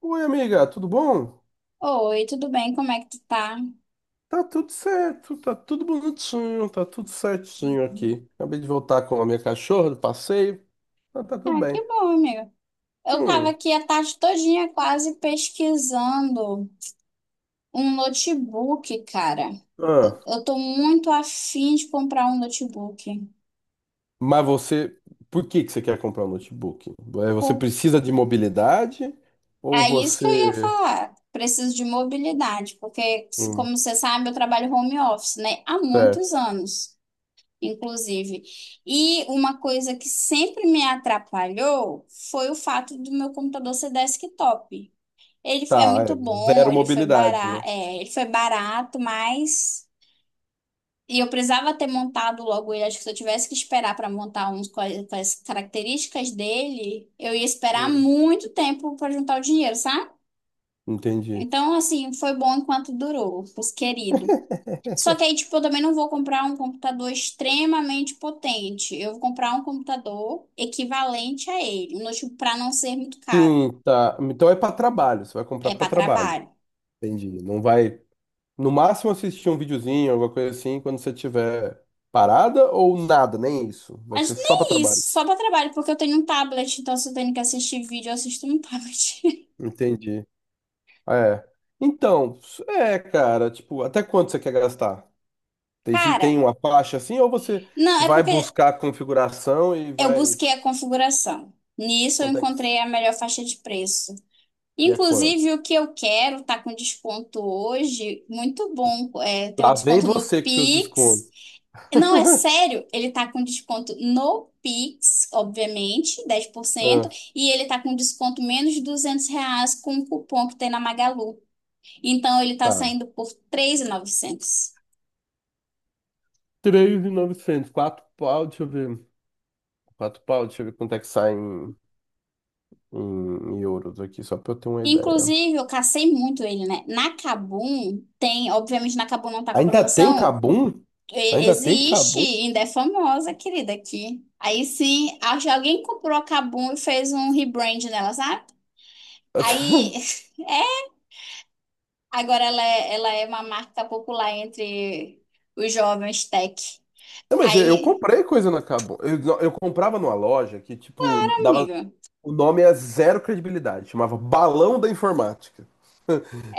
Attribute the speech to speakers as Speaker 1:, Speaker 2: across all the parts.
Speaker 1: Oi, amiga, tudo bom?
Speaker 2: Oi, tudo bem? Como é que tu tá?
Speaker 1: Tá tudo certo, tá tudo bonitinho, tá tudo certinho aqui. Acabei de voltar com a minha cachorra do passeio, tá, tá tudo
Speaker 2: Ah, que
Speaker 1: bem.
Speaker 2: bom, amiga. Eu tava
Speaker 1: Hum.
Speaker 2: aqui a tarde todinha quase pesquisando um notebook, cara. Eu,
Speaker 1: Ah,
Speaker 2: eu tô muito afim de comprar um notebook.
Speaker 1: mas você, por que que você quer comprar um notebook? É, você
Speaker 2: Por-
Speaker 1: precisa de mobilidade ou
Speaker 2: É isso
Speaker 1: você.
Speaker 2: que eu ia falar. Preciso de mobilidade, porque,
Speaker 1: Hum.
Speaker 2: como você sabe, eu trabalho home office, né? Há muitos
Speaker 1: Certo.
Speaker 2: anos, inclusive. E uma coisa que sempre me atrapalhou foi o fato do meu computador ser desktop. Ele é
Speaker 1: Tá,
Speaker 2: muito
Speaker 1: é
Speaker 2: bom,
Speaker 1: zero
Speaker 2: ele foi
Speaker 1: mobilidade, né?
Speaker 2: barato, ele foi barato, mas e eu precisava ter montado logo ele. Acho que se eu tivesse que esperar para montar uns com com as características dele, eu ia esperar
Speaker 1: Hum,
Speaker 2: muito tempo para juntar o dinheiro, sabe?
Speaker 1: entendi.
Speaker 2: Então, assim, foi bom enquanto durou, os querido. Só que aí, tipo, eu também não vou comprar um computador extremamente potente. Eu vou comprar um computador equivalente a ele, um notebook para não ser muito caro.
Speaker 1: Sim, tá. Então é para trabalho, você vai
Speaker 2: É
Speaker 1: comprar para
Speaker 2: para
Speaker 1: trabalho.
Speaker 2: trabalho.
Speaker 1: Entendi. Não vai. No máximo assistir um videozinho, alguma coisa assim, quando você tiver parada ou nada, nem isso. Vai
Speaker 2: Acho
Speaker 1: ser
Speaker 2: que
Speaker 1: só para
Speaker 2: nem
Speaker 1: trabalho.
Speaker 2: isso, só pra trabalho, porque eu tenho um tablet, então se eu tenho que assistir vídeo, eu assisto no tablet.
Speaker 1: Entendi. É. Então, é, cara, tipo, até quanto você quer gastar? Tem, tem
Speaker 2: Cara,
Speaker 1: uma faixa assim ou você
Speaker 2: não, é
Speaker 1: vai
Speaker 2: porque
Speaker 1: buscar a configuração e
Speaker 2: eu
Speaker 1: vai
Speaker 2: busquei a configuração. Nisso eu
Speaker 1: quanto é
Speaker 2: encontrei a melhor faixa de preço.
Speaker 1: que é quanto?
Speaker 2: Inclusive, o que eu quero tá com desconto hoje, muito bom. É, tem um
Speaker 1: Lá vem
Speaker 2: desconto no
Speaker 1: você com seus
Speaker 2: Pix.
Speaker 1: descontos.
Speaker 2: Não, é sério, ele tá com desconto no Pix, obviamente, 10%,
Speaker 1: Ah,
Speaker 2: e ele tá com desconto menos de R$ 200 com o cupom que tem na Magalu. Então ele tá
Speaker 1: tá.
Speaker 2: saindo por 3.900.
Speaker 1: 3.900, 4 pau, deixa eu ver. Quatro pau, deixa eu ver quanto é que sai em euros aqui, só pra eu ter uma ideia.
Speaker 2: Inclusive, eu cacei muito ele, né? Na Kabum tem, obviamente na Kabum não tá com a
Speaker 1: Ainda tem
Speaker 2: promoção.
Speaker 1: Kabum? Ainda tem
Speaker 2: Existe,
Speaker 1: Kabum?
Speaker 2: ainda é famosa, querida, aqui. Aí sim, acho que alguém comprou a Kabum e fez um rebrand nela, sabe? Aí, é, agora ela é uma marca popular entre os jovens tech.
Speaker 1: Não, mas eu
Speaker 2: Aí,
Speaker 1: comprei coisa na Kabum. Eu, não, eu comprava numa loja que, tipo, dava.
Speaker 2: amigo,
Speaker 1: O nome é zero credibilidade. Chamava Balão da Informática.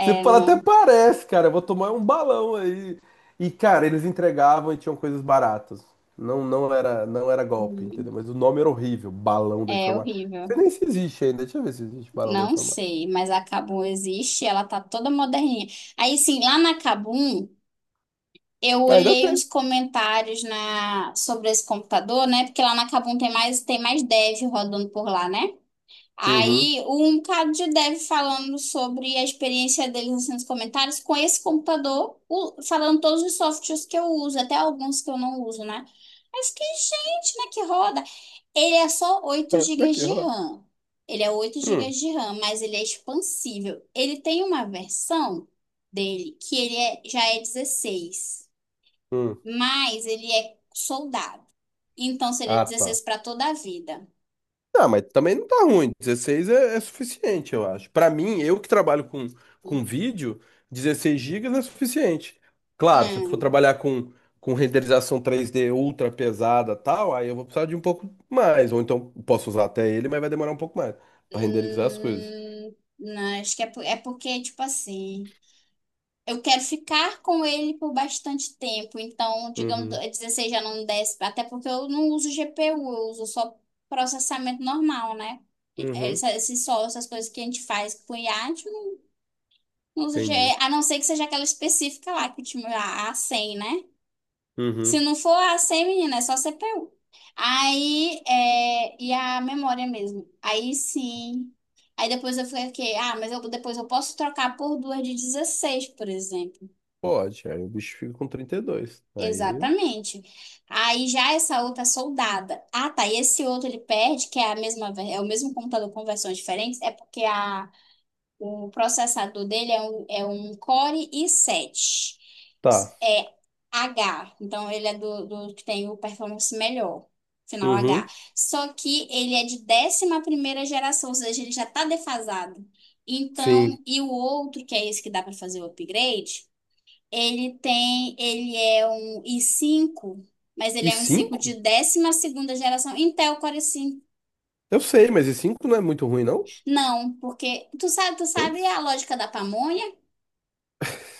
Speaker 1: Você fala, até
Speaker 2: não,
Speaker 1: parece, cara. Eu vou tomar um balão aí. E, cara, eles entregavam e tinham coisas baratas. Não, não era golpe, entendeu? Mas o nome era horrível. Balão da
Speaker 2: é
Speaker 1: Informática. Você
Speaker 2: horrível.
Speaker 1: nem se existe ainda. Deixa eu ver se existe Balão da
Speaker 2: Não
Speaker 1: Informática.
Speaker 2: sei, mas a Kabum existe, ela tá toda moderninha. Aí, sim, lá na Kabum, eu
Speaker 1: Ah, ainda
Speaker 2: olhei
Speaker 1: tem.
Speaker 2: uns comentários na sobre esse computador, né? Porque lá na Kabum tem mais dev rodando por lá, né?
Speaker 1: Uhum.
Speaker 2: Aí, um bocado de dev falando sobre a experiência deles assim, nos comentários com esse computador, falando todos os softwares que eu uso, até alguns que eu não uso, né? Aí eu fiquei, gente, né, que roda. Ele é só 8 gigas
Speaker 1: Aqui,
Speaker 2: de
Speaker 1: rola.
Speaker 2: RAM. Ele é oito
Speaker 1: Hum,
Speaker 2: gigas de RAM, mas ele é expansível. Ele tem uma versão dele que já é 16,
Speaker 1: hum.
Speaker 2: mas ele é soldado. Então seria
Speaker 1: Ah, tá.
Speaker 2: 16 para toda a vida.
Speaker 1: Não, mas também não tá ruim. 16 é suficiente, eu acho. Pra mim, eu que trabalho com vídeo, 16 gigas é suficiente. Claro, se eu for
Speaker 2: Não,
Speaker 1: trabalhar com renderização 3D ultra pesada tal, aí eu vou precisar de um pouco mais. Ou então posso usar até ele, mas vai demorar um pouco mais pra renderizar as coisas.
Speaker 2: não, acho que é porque, tipo assim. Eu quero ficar com ele por bastante tempo. Então, digamos,
Speaker 1: Uhum,
Speaker 2: a 16 já não desce, até porque eu não uso GPU, eu uso só processamento normal, né?
Speaker 1: uhum,
Speaker 2: Esses só, essas coisas que a gente faz com o IA, a gente não usa
Speaker 1: entendi.
Speaker 2: GPU, a não ser que seja aquela específica lá, que tipo, a A100, né? Se
Speaker 1: Uhum,
Speaker 2: não for a A100, menina, é só CPU. Aí, e a memória mesmo. Aí sim. Aí depois eu falei que, ah, depois eu posso trocar por duas de 16, por exemplo.
Speaker 1: pode. Aí o bicho fica com 32. Aí
Speaker 2: Exatamente. Aí já essa outra é soldada. Ah, tá. E esse outro ele perde, que é a mesma, é o mesmo computador com versões diferentes, é porque o processador dele é um Core i7.
Speaker 1: tá.
Speaker 2: É H. Então ele é do que tem o performance melhor. Final H.
Speaker 1: Uhum,
Speaker 2: Só que ele é de 11ª geração, ou seja, ele já tá defasado.
Speaker 1: sim.
Speaker 2: Então, e o outro, que é esse que dá para fazer o upgrade. Ele é um i5, mas ele
Speaker 1: E
Speaker 2: é um i5 de
Speaker 1: 5?
Speaker 2: 12ª geração Intel Core 5.
Speaker 1: Eu sei, mas e 5 não é muito ruim, não?
Speaker 2: Não, porque tu
Speaker 1: Tem?
Speaker 2: sabe a lógica da pamonha?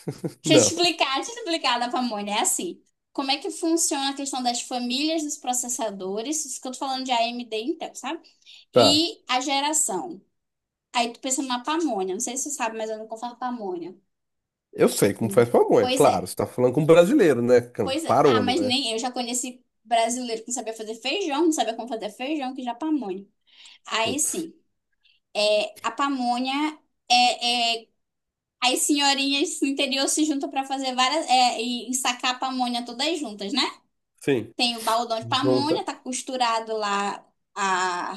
Speaker 2: Deixa eu te
Speaker 1: Não.
Speaker 2: explicar, deixa eu te explicar da pamonha. É assim, como é que funciona a questão das famílias dos processadores, isso que eu tô falando de AMD e Intel, sabe?
Speaker 1: Tá.
Speaker 2: E a geração. Aí tu pensa numa pamonha, não sei se você sabe, mas eu não faço pamonha.
Speaker 1: Eu sei como
Speaker 2: Hum.
Speaker 1: faz pamonha,
Speaker 2: Pois
Speaker 1: claro.
Speaker 2: é,
Speaker 1: Você tá falando com um brasileiro, né?
Speaker 2: pois é. Ah,
Speaker 1: Parou,
Speaker 2: mas
Speaker 1: né?
Speaker 2: nem eu já conheci brasileiro que não sabia fazer feijão, não sabia como fazer feijão, que já pamonha. Aí
Speaker 1: Putz.
Speaker 2: sim, a pamonha é as senhorinhas do interior se juntam para fazer várias e sacar a pamonha todas juntas, né?
Speaker 1: Sim.
Speaker 2: Tem o baldão de
Speaker 1: Junta.
Speaker 2: pamonha, tá costurado lá a,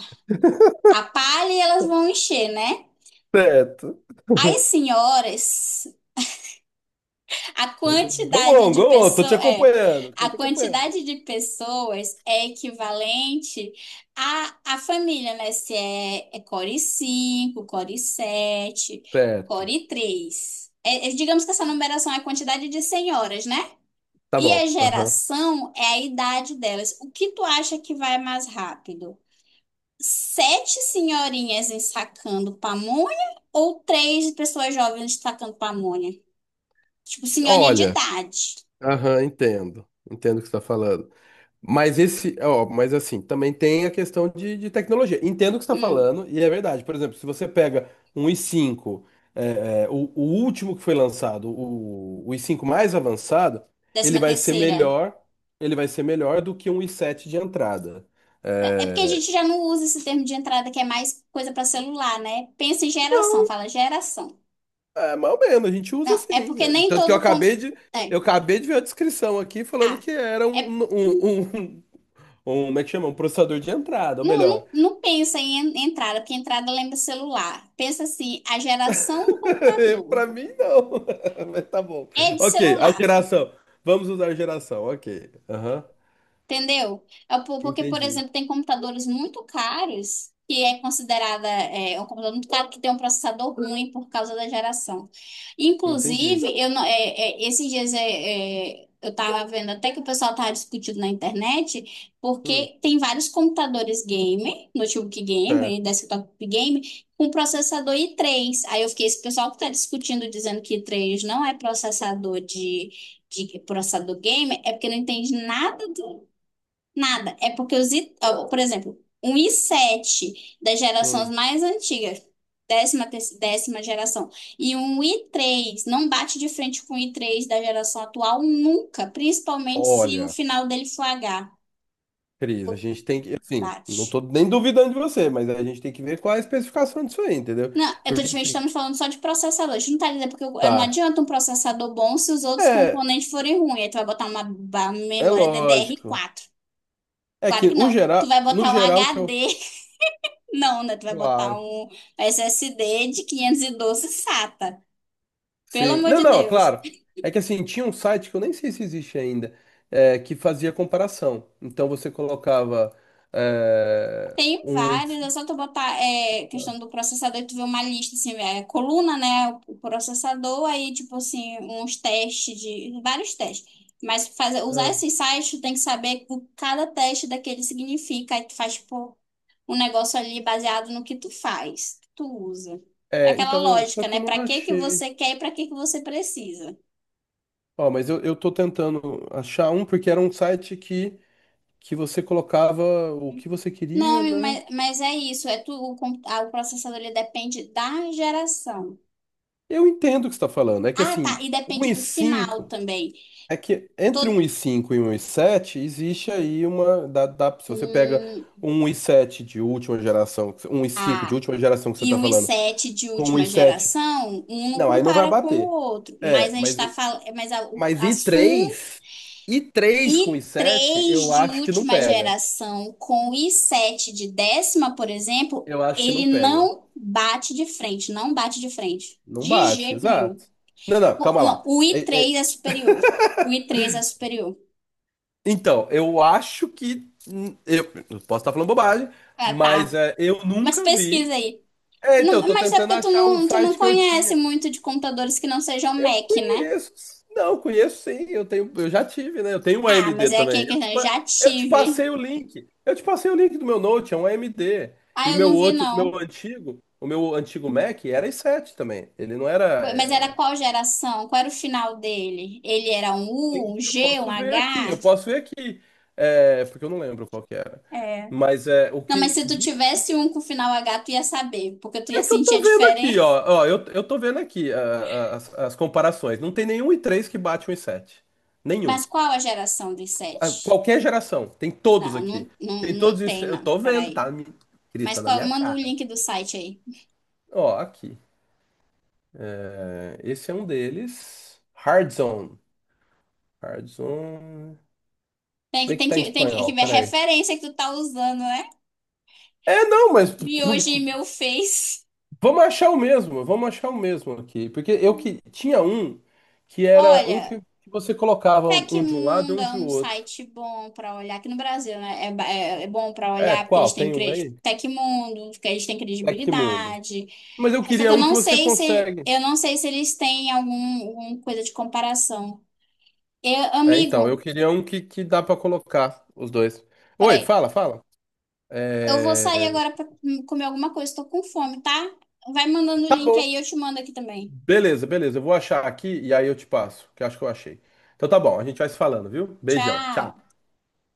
Speaker 2: a palha e elas vão encher, né?
Speaker 1: Certo.
Speaker 2: As senhoras A
Speaker 1: Go
Speaker 2: quantidade
Speaker 1: on,
Speaker 2: de
Speaker 1: go on. Tô te
Speaker 2: pessoas é,
Speaker 1: acompanhando. Tô
Speaker 2: a
Speaker 1: te acompanhando.
Speaker 2: quantidade de pessoas é equivalente à família, né? Se é core 5 core 7
Speaker 1: Certo.
Speaker 2: core três. Digamos que essa numeração é a quantidade de senhoras, né?
Speaker 1: Tá
Speaker 2: E a
Speaker 1: bom. Aham.
Speaker 2: geração é a idade delas. O que tu acha que vai mais rápido? Sete senhorinhas ensacando pamonha ou três pessoas jovens ensacando pamonha? Tipo, senhorinha de
Speaker 1: Olha.
Speaker 2: idade.
Speaker 1: Aham, entendo. Entendo o que você tá falando. Mas esse, ó, mas assim, também tem a questão de tecnologia. Entendo o que você está
Speaker 2: Hum,
Speaker 1: falando, e é verdade. Por exemplo, se você pega um i5, o último que foi lançado, o i5 mais avançado, ele
Speaker 2: décima
Speaker 1: vai ser
Speaker 2: terceira.
Speaker 1: melhor, ele vai ser melhor do que um i7 de entrada.
Speaker 2: É porque a
Speaker 1: É,
Speaker 2: gente já não usa esse termo de entrada que é mais coisa para celular, né? Pensa em geração, fala geração.
Speaker 1: é, mais ou menos, a gente usa
Speaker 2: Não, é porque
Speaker 1: assim.
Speaker 2: nem
Speaker 1: Tanto que
Speaker 2: todo com... é,
Speaker 1: eu acabei de ver a descrição aqui falando
Speaker 2: ah,
Speaker 1: que era
Speaker 2: é,
Speaker 1: como é que chama? Um processador de entrada, ou
Speaker 2: não,
Speaker 1: melhor.
Speaker 2: não, não pensa em entrada, porque entrada lembra celular. Pensa assim, a geração do computador
Speaker 1: Pra mim, não. Mas tá bom.
Speaker 2: é de
Speaker 1: Ok, a
Speaker 2: celular.
Speaker 1: geração. Vamos usar geração, ok. Aham.
Speaker 2: Entendeu? Porque, por
Speaker 1: Entendi.
Speaker 2: exemplo, tem computadores muito caros que é considerada é um computador muito caro que tem um processador ruim por causa da geração.
Speaker 1: Entendi.
Speaker 2: Inclusive, eu não, esses dias eu estava vendo até que o pessoal estava discutindo na internet,
Speaker 1: Hum,
Speaker 2: porque tem vários computadores gamer, notebook
Speaker 1: certo.
Speaker 2: gamer, desktop gamer, com processador i3. Aí eu fiquei, esse pessoal que está discutindo, dizendo que i3 não é processador de processador gamer é porque não entende nada. Nada. É porque os, ó, por exemplo, um i sete das gerações
Speaker 1: Hum.
Speaker 2: mais antigas, 10ª geração, e um i3 não bate de frente com o i3 da geração atual nunca, principalmente se o
Speaker 1: Olha,
Speaker 2: final dele for H.
Speaker 1: Cris, a
Speaker 2: Pô,
Speaker 1: gente tem que. Assim, não
Speaker 2: bate.
Speaker 1: tô nem duvidando de você, mas a gente tem que ver qual é a especificação disso aí, entendeu?
Speaker 2: Não, eu tô
Speaker 1: Porque
Speaker 2: te
Speaker 1: assim,
Speaker 2: estamos falando só de processador. A gente não tá dizendo porque não
Speaker 1: tá.
Speaker 2: adianta um processador bom se os outros
Speaker 1: É,
Speaker 2: componentes forem ruins. Aí tu vai botar uma,
Speaker 1: é
Speaker 2: memória ddr
Speaker 1: lógico.
Speaker 2: quatro
Speaker 1: É
Speaker 2: Claro
Speaker 1: que
Speaker 2: que
Speaker 1: o
Speaker 2: não. Tu
Speaker 1: geral,
Speaker 2: vai
Speaker 1: no
Speaker 2: botar um
Speaker 1: geral que eu.
Speaker 2: HD. Não, né? Tu vai botar
Speaker 1: Claro.
Speaker 2: um SSD de 512 SATA. Pelo
Speaker 1: Sim.
Speaker 2: amor
Speaker 1: Não,
Speaker 2: de
Speaker 1: não, é
Speaker 2: Deus.
Speaker 1: claro. É que assim, tinha um site que eu nem sei se existe ainda, é, que fazia comparação. Então você colocava é,
Speaker 2: Tem
Speaker 1: um.
Speaker 2: vários, é só tu botar é, questão do processador, tu vê uma lista, assim, é, coluna, né? O processador, aí, tipo assim, uns testes de. Vários testes. Mas fazer, usar esses sites, tu tem que saber o que cada teste daquele significa. Aí tu faz, tipo, um negócio ali baseado no que tu faz, que tu usa. É
Speaker 1: É, é,
Speaker 2: aquela
Speaker 1: então, eu, só
Speaker 2: lógica,
Speaker 1: que eu
Speaker 2: né?
Speaker 1: não
Speaker 2: Pra que que
Speaker 1: achei.
Speaker 2: você quer e pra que que você precisa.
Speaker 1: Ó, mas eu tô tentando achar um, porque era um site que você colocava o que você
Speaker 2: Não,
Speaker 1: queria,
Speaker 2: amigo,
Speaker 1: né?
Speaker 2: mas é isso. É tu, o, compu- ah, o processador ele depende da geração.
Speaker 1: Eu entendo o que você está falando. É que
Speaker 2: Ah, tá.
Speaker 1: assim,
Speaker 2: E
Speaker 1: um
Speaker 2: depende
Speaker 1: e
Speaker 2: do final
Speaker 1: cinco.
Speaker 2: também.
Speaker 1: É que entre
Speaker 2: Todo,
Speaker 1: 1,5 e um vírgula sete existe aí uma. Se você pega
Speaker 2: um,
Speaker 1: um vírgula sete de última geração, um cinco de
Speaker 2: ah,
Speaker 1: última geração que você
Speaker 2: e
Speaker 1: está
Speaker 2: o i
Speaker 1: falando,
Speaker 2: sete de
Speaker 1: com um vírgula
Speaker 2: última
Speaker 1: sete,
Speaker 2: geração, um não
Speaker 1: não, aí não vai
Speaker 2: compara com o
Speaker 1: bater.
Speaker 2: outro. Mas
Speaker 1: É,
Speaker 2: a gente
Speaker 1: mas,
Speaker 2: está falando. Mas
Speaker 1: mas
Speaker 2: a
Speaker 1: i
Speaker 2: Sun
Speaker 1: três, i três com
Speaker 2: i
Speaker 1: i sete,
Speaker 2: três
Speaker 1: eu
Speaker 2: de
Speaker 1: acho que não
Speaker 2: última
Speaker 1: pega.
Speaker 2: geração com o i7 de 10ª, por exemplo,
Speaker 1: Eu acho que não
Speaker 2: ele
Speaker 1: pega.
Speaker 2: não bate de frente. Não bate de frente.
Speaker 1: Não
Speaker 2: De
Speaker 1: bate,
Speaker 2: jeito nenhum.
Speaker 1: exato. Não, não, calma
Speaker 2: Não,
Speaker 1: lá.
Speaker 2: o i três é superior. O i três é superior.
Speaker 1: Então, eu acho que. Eu posso estar falando bobagem,
Speaker 2: Ah,
Speaker 1: mas
Speaker 2: tá.
Speaker 1: é, eu
Speaker 2: Mas
Speaker 1: nunca
Speaker 2: pesquisa
Speaker 1: vi.
Speaker 2: aí.
Speaker 1: É,
Speaker 2: Não,
Speaker 1: então, eu tô
Speaker 2: mas é
Speaker 1: tentando
Speaker 2: porque tu
Speaker 1: achar o
Speaker 2: não, tu não
Speaker 1: site que eu
Speaker 2: conhece
Speaker 1: tinha.
Speaker 2: muito de computadores que não sejam
Speaker 1: Eu
Speaker 2: Mac, né?
Speaker 1: conheço. Não, conheço sim. Eu tenho, eu já tive, né? Eu tenho um
Speaker 2: Ah,
Speaker 1: AMD
Speaker 2: mas é aquele
Speaker 1: também.
Speaker 2: que eu já
Speaker 1: Eu te
Speaker 2: tive.
Speaker 1: passei o link. Eu te passei o link do meu Note, é um AMD.
Speaker 2: Ah,
Speaker 1: E o
Speaker 2: eu
Speaker 1: meu
Speaker 2: não vi,
Speaker 1: outro, o meu
Speaker 2: não.
Speaker 1: antigo, o meu antigo Mac era i7 também. Ele não era.
Speaker 2: Mas era qual geração? Qual era o final dele? Ele era um U, um
Speaker 1: Eu
Speaker 2: G, um
Speaker 1: posso
Speaker 2: H?
Speaker 1: ver aqui, eu posso ver aqui. É, porque eu não lembro qual que era.
Speaker 2: É.
Speaker 1: Mas é o
Speaker 2: Não, mas
Speaker 1: que.
Speaker 2: se tu tivesse um com final H, tu ia saber, porque tu ia
Speaker 1: É que eu
Speaker 2: sentir
Speaker 1: tô
Speaker 2: a
Speaker 1: vendo aqui,
Speaker 2: diferença.
Speaker 1: ó. Ó, eu tô vendo aqui as comparações. Não tem nenhum i três que bate um i sete. Nenhum.
Speaker 2: Mas qual a geração dos
Speaker 1: Ah,
Speaker 2: sete?
Speaker 1: qualquer geração. Tem todos
Speaker 2: Não,
Speaker 1: aqui.
Speaker 2: não, não,
Speaker 1: Tem
Speaker 2: não
Speaker 1: todos
Speaker 2: tem,
Speaker 1: isso. Eu
Speaker 2: não.
Speaker 1: tô vendo,
Speaker 2: Peraí.
Speaker 1: tá? Cris,
Speaker 2: Mas
Speaker 1: tá na
Speaker 2: qual,
Speaker 1: minha
Speaker 2: manda o
Speaker 1: cara.
Speaker 2: link do site aí.
Speaker 1: Ó, aqui. É, esse é um deles. Hard Zone. Hard Zone. Se
Speaker 2: Tem que,
Speaker 1: bem que
Speaker 2: tem
Speaker 1: tá em
Speaker 2: que, tem que,
Speaker 1: espanhol,
Speaker 2: ver a
Speaker 1: peraí.
Speaker 2: referência que tu tá usando, né?
Speaker 1: É, não, mas
Speaker 2: Vi hoje meu Face.
Speaker 1: vamos achar o mesmo. Vamos achar o mesmo aqui. Porque eu que tinha um que era um
Speaker 2: Olha,
Speaker 1: que você colocava um de um lado e
Speaker 2: Tecmundo
Speaker 1: um
Speaker 2: é
Speaker 1: de
Speaker 2: um
Speaker 1: outro.
Speaker 2: site bom para olhar aqui no Brasil, né? É bom para
Speaker 1: É,
Speaker 2: olhar porque eles
Speaker 1: qual?
Speaker 2: têm
Speaker 1: Tem um aí?
Speaker 2: Tecmundo, porque eles têm
Speaker 1: Tecmundo.
Speaker 2: credibilidade.
Speaker 1: Mas eu
Speaker 2: É, só
Speaker 1: queria
Speaker 2: que eu
Speaker 1: um que
Speaker 2: não
Speaker 1: você
Speaker 2: sei se
Speaker 1: consegue.
Speaker 2: eu não sei se eles têm alguma coisa de comparação. Eu,
Speaker 1: É, então, eu
Speaker 2: amigo,
Speaker 1: queria um que dá pra colocar os dois. Oi,
Speaker 2: peraí.
Speaker 1: fala, fala.
Speaker 2: Eu vou sair
Speaker 1: É,
Speaker 2: agora para comer alguma coisa, tô com fome, tá? Vai mandando o
Speaker 1: tá
Speaker 2: link
Speaker 1: bom.
Speaker 2: aí, eu te mando aqui também.
Speaker 1: Beleza, beleza. Eu vou achar aqui e aí eu te passo, que eu acho que eu achei. Então tá bom, a gente vai se falando, viu? Beijão. Tchau.
Speaker 2: Tchau!